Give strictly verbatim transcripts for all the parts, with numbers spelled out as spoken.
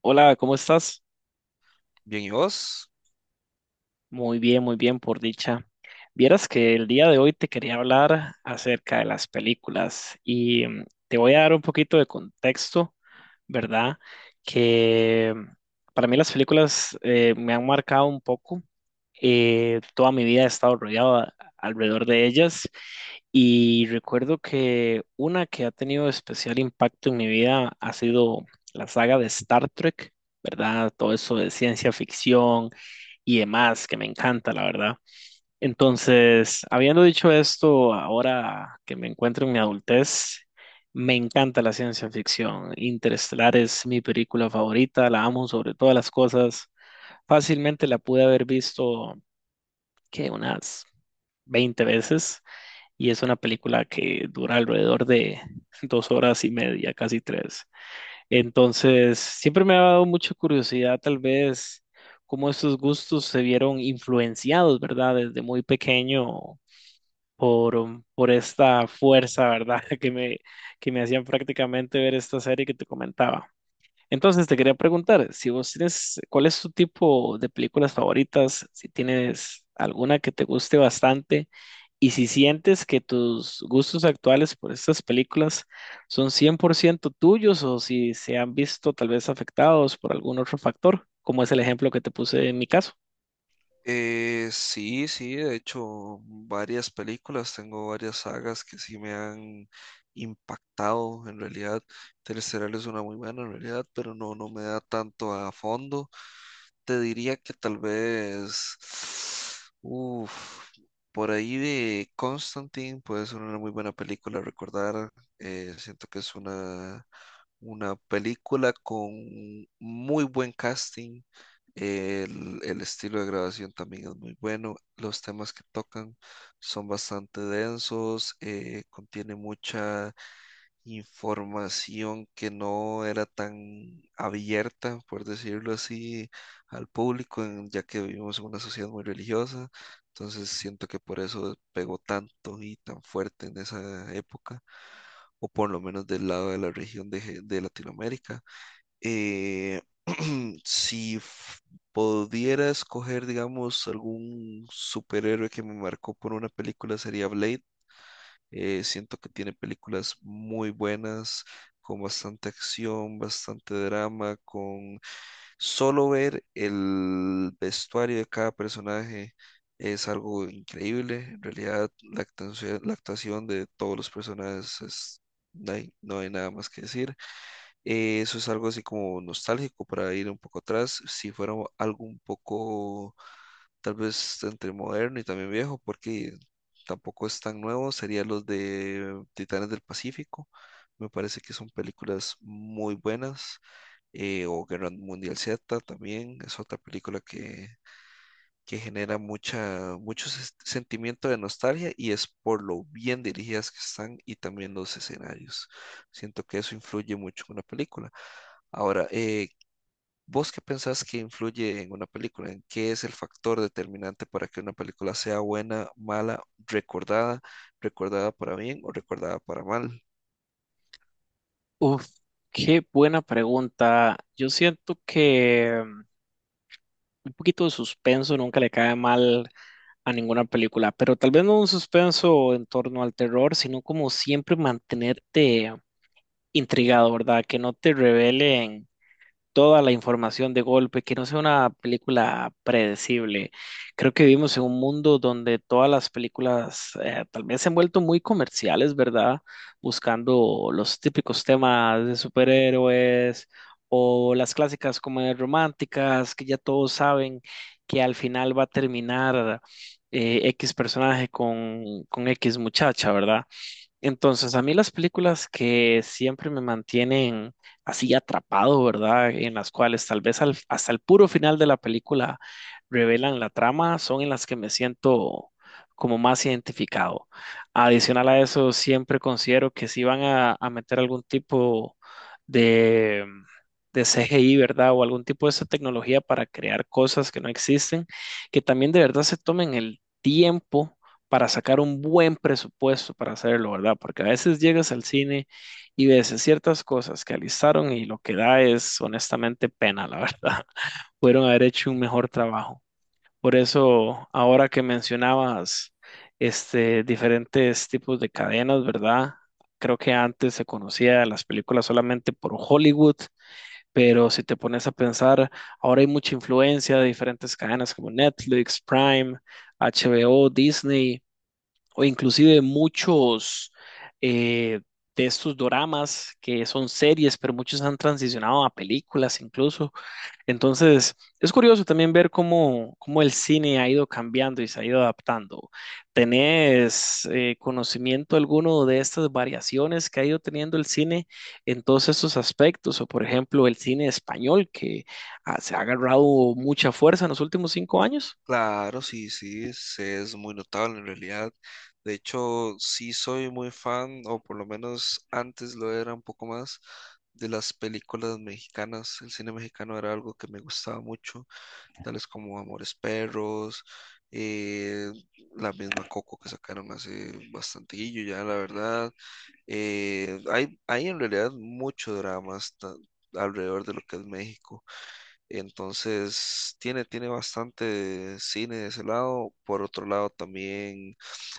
Hola, ¿cómo estás? Bien, ¿y vos? Muy bien, muy bien, por dicha. Vieras que el día de hoy te quería hablar acerca de las películas y mm, te voy a dar un poquito de contexto, ¿verdad? Que mm, para mí las películas eh, me han marcado un poco. Eh, toda mi vida he estado rodeado a- alrededor de ellas y recuerdo que una que ha tenido especial impacto en mi vida ha sido la saga de Star Trek, ¿verdad? Todo eso de ciencia ficción y demás, que me encanta, la verdad. Entonces, habiendo dicho esto, ahora que me encuentro en mi adultez, me encanta la ciencia ficción. Interestelar es mi película favorita, la amo sobre todas las cosas. Fácilmente la pude haber visto, que unas veinte veces y es una película que dura alrededor de dos horas y media, casi tres. Entonces, siempre me ha dado mucha curiosidad, tal vez, cómo esos gustos se vieron influenciados, ¿verdad? Desde muy pequeño por, um, por esta fuerza, ¿verdad? Que me, que me hacían prácticamente ver esta serie que te comentaba. Entonces, te quería preguntar, si vos tienes, ¿cuál es tu tipo de películas favoritas? Si tienes alguna que te guste bastante. Y si sientes que tus gustos actuales por estas películas son cien por ciento tuyos o si se han visto tal vez afectados por algún otro factor, como es el ejemplo que te puse en mi caso. Eh, sí, sí, de hecho, varias películas, tengo varias sagas que sí me han impactado en realidad. Interestelar es una muy buena en realidad, pero no, no me da tanto a fondo. Te diría que tal vez, uf, por ahí de Constantine puede ser una muy buena película a recordar. Eh, siento que es una, una película con muy buen casting. El, el estilo de grabación también es muy bueno. Los temas que tocan son bastante densos, eh, contiene mucha información que no era tan abierta, por decirlo así, al público, en- ya que vivimos en una sociedad muy religiosa. Entonces siento que por eso pegó tanto y tan fuerte en esa época, o por lo menos del lado de la región de, Je- de Latinoamérica. Eh, si f- Pudiera escoger, digamos, algún superhéroe que me marcó por una película, sería Blade. Eh, siento que tiene películas muy buenas, con bastante acción, bastante drama, con solo ver el vestuario de cada personaje es algo increíble. En realidad, la actuación, la actuación de todos los personajes es... No hay, no hay nada más que decir. Eh, eso es algo así como nostálgico para ir un poco atrás. Si fuera algo un poco tal vez entre moderno y también viejo, porque tampoco es tan nuevo, sería los de Titanes del Pacífico. Me parece que son películas muy buenas. Eh, o Guerra Mundial Z también es otra película que, que genera mucha, mucho ses- sentimiento de nostalgia y es por lo bien dirigidas que están y también los escenarios. Siento que eso influye mucho en una película. Ahora, eh, ¿vos qué pensás que influye en una película? ¿En qué es el factor determinante para que una película sea buena, mala, recordada, recordada para bien o recordada para mal? Uf, qué buena pregunta. Yo siento que mm, un poquito de suspenso nunca le cae mal a ninguna película, pero tal vez no un suspenso en torno al terror, sino como siempre mantenerte intrigado, ¿verdad? Que no te revelen toda la información de golpe, que no sea una película predecible. Creo que vivimos en un mundo donde todas las películas eh, tal vez se han vuelto muy comerciales, ¿verdad? Buscando los típicos temas de superhéroes o las clásicas comedias románticas que ya todos saben que al final va a terminar eh, X personaje con, con X muchacha, ¿verdad? Entonces, a mí las películas que siempre me mantienen así atrapado, ¿verdad? En las cuales tal vez al- hasta el puro final de la película revelan la trama, son en las que me siento como más identificado. Adicional a eso, siempre considero que si van a, a meter algún tipo de, de C G I, ¿verdad? O algún tipo de esa tecnología para crear cosas que no existen, que también de verdad se tomen el tiempo para sacar un buen presupuesto para hacerlo, ¿verdad? Porque a veces llegas al cine y ves ciertas cosas que alistaron y lo que da es honestamente pena, la verdad. Pudieron haber hecho un mejor trabajo. Por eso, ahora que mencionabas este, diferentes tipos de cadenas, ¿verdad? Creo que antes se conocía las películas solamente por Hollywood, pero si te pones a pensar, ahora hay mucha influencia de diferentes cadenas como Netflix, Prime, H B O, Disney o inclusive muchos eh, de estos doramas que son series, pero muchos han transicionado a películas incluso. Entonces, es curioso también ver cómo, cómo el cine ha ido cambiando y se ha ido adaptando. ¿Tenés eh, conocimiento alguno de estas variaciones que ha ido teniendo el cine en todos estos aspectos? O, por ejemplo, el cine español que ah, se ha agarrado mucha fuerza en los últimos cinco años. Claro, sí, sí, es, es muy notable en realidad. De hecho, sí soy muy fan, o por lo menos antes lo era un poco más, de las películas mexicanas. El cine mexicano era algo que me gustaba mucho. Tales como Amores Perros, eh, la misma Coco que sacaron hace bastantillo ya, la verdad. Eh, hay, hay en realidad mucho drama hasta alrededor de lo que es México. Entonces, tiene, tiene bastante cine de ese lado. Por otro lado, también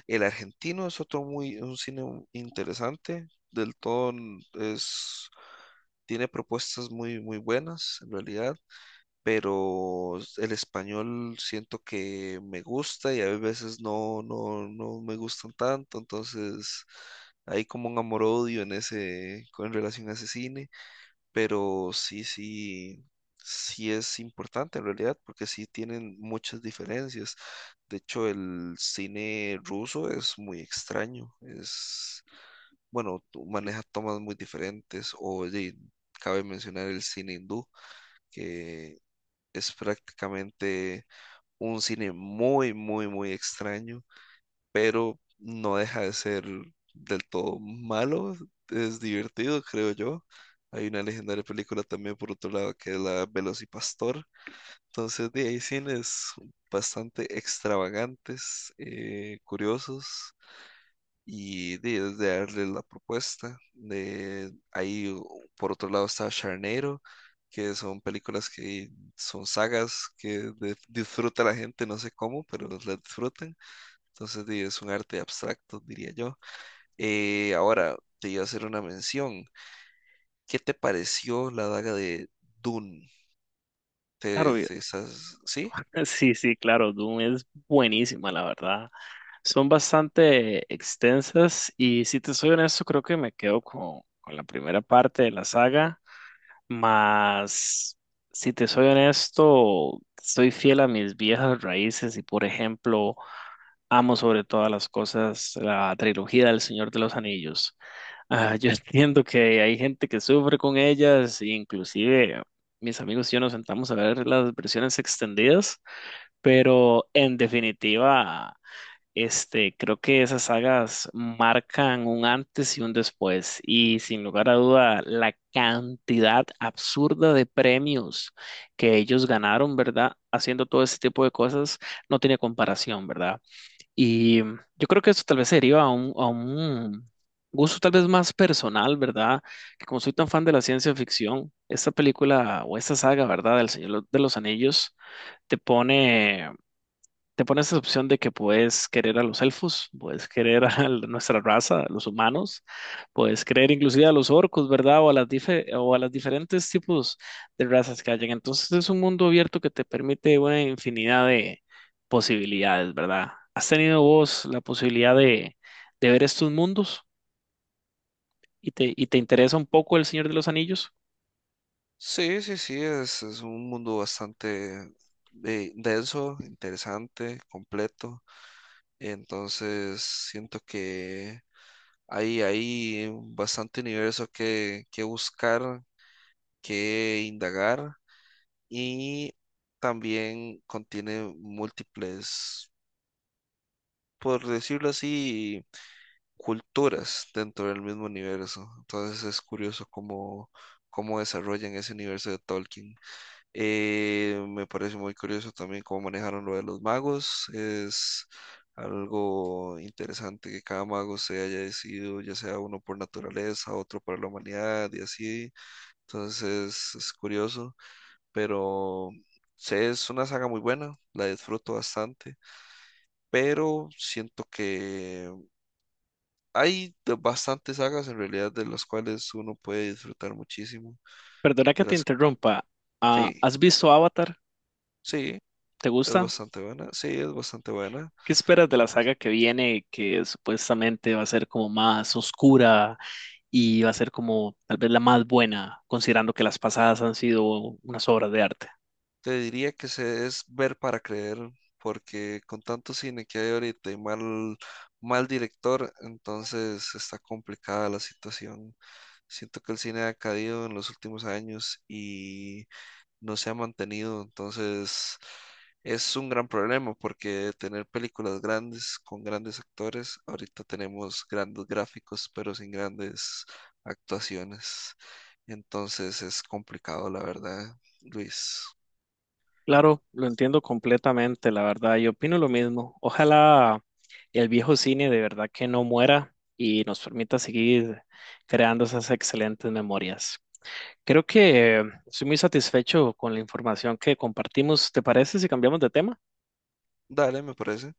el argentino es otro muy, un cine interesante. Del todo es, tiene propuestas muy, muy buenas, en realidad, pero el español siento que me gusta y a veces no, no, no me gustan tanto, entonces hay como un amor-odio en ese, con relación a ese cine, pero sí, sí, sí es importante en realidad, porque sí tienen muchas diferencias. De hecho, el cine ruso es muy extraño, es, bueno, tú- maneja tomas muy diferentes, o de- cabe mencionar el cine hindú, que es prácticamente un cine muy, muy, muy extraño, pero no deja de ser del todo malo. Es divertido, creo yo. Hay una legendaria película también por otro lado que es la Velocipastor. Entonces, de ahí hay cines bastante extravagantes, eh, curiosos y de, de darle la propuesta. De, ahí, u- por otro lado, está Charnero, que son películas que son sagas que de- disfruta la gente, no sé cómo, pero las disfrutan. Entonces, di, es un arte abstracto, diría yo. Eh, ahora, te iba a hacer una mención. ¿Qué te pareció la daga de Dune? ¿Te, Claro, te estás- ¿Sí? sí, sí, claro, Doom es buenísima, la verdad. Son bastante extensas y si te soy honesto, creo que me quedo con, con la primera parte de la saga, más si te soy honesto, soy fiel a mis viejas raíces y por ejemplo, amo sobre todas las cosas la trilogía del Señor de los Anillos. Ah, yo entiendo que hay gente que sufre con ellas, inclusive mis amigos y yo nos sentamos a ver las versiones extendidas. Pero en definitiva, este, creo que esas sagas marcan un antes y un después. Y sin lugar a duda, la cantidad absurda de premios que ellos ganaron, ¿verdad? Haciendo todo ese tipo de cosas no tiene comparación, ¿verdad? Y yo creo que eso tal vez se deriva a un, a un gusto tal vez más personal, ¿verdad? Que como soy tan fan de la ciencia ficción, esta película o esta saga, ¿verdad? Del Señor de los Anillos te pone te pones esa opción de que puedes querer a los elfos, puedes querer a la- nuestra raza, a los humanos, puedes querer inclusive a los orcos, ¿verdad? O a las dife- o a las diferentes tipos de razas que hayan. Entonces es un mundo abierto que te permite una infinidad de posibilidades, ¿verdad? ¿Has tenido vos la posibilidad de, de ver estos mundos y te, y te interesa un poco El Señor de los Anillos? Sí, sí, sí, es, es un mundo bastante eh, denso, interesante, completo. Entonces, siento que hay, hay bastante universo que, que buscar, que indagar y también contiene múltiples, por decirlo así, culturas dentro del mismo universo. Entonces es curioso cómo, cómo desarrollan ese universo de Tolkien. Eh, me parece muy curioso también cómo manejaron lo de los magos. Es algo interesante que cada mago se haya decidido, ya sea uno por naturaleza, otro para la humanidad y así. Entonces es curioso, pero sí, es una saga muy buena, la disfruto bastante, pero siento que hay de- bastantes sagas en realidad de las cuales uno puede disfrutar muchísimo. Perdona que De te las... interrumpa. Ah, Sí, ¿has visto Avatar? sí, ¿Te es gusta? bastante buena, sí, es bastante buena. ¿Qué esperas de la saga que viene, que supuestamente va a ser como más oscura y va a ser como tal vez la más buena, considerando que las pasadas han sido unas obras de arte? Te diría que se es ver para creer, porque con tanto cine que hay ahorita y mal, mal director, entonces está complicada la situación. Siento que el cine ha caído en los últimos años y no se ha mantenido, entonces es un gran problema, porque tener películas grandes con grandes actores, ahorita tenemos grandes gráficos, pero sin grandes actuaciones. Entonces es complicado, la verdad, Luis. Claro, lo entiendo completamente, la verdad, yo opino lo mismo. Ojalá el viejo cine de verdad que no muera y nos permita seguir creando esas excelentes memorias. Creo que estoy muy satisfecho con la información que compartimos. ¿Te parece si cambiamos de tema? Dale, me parece.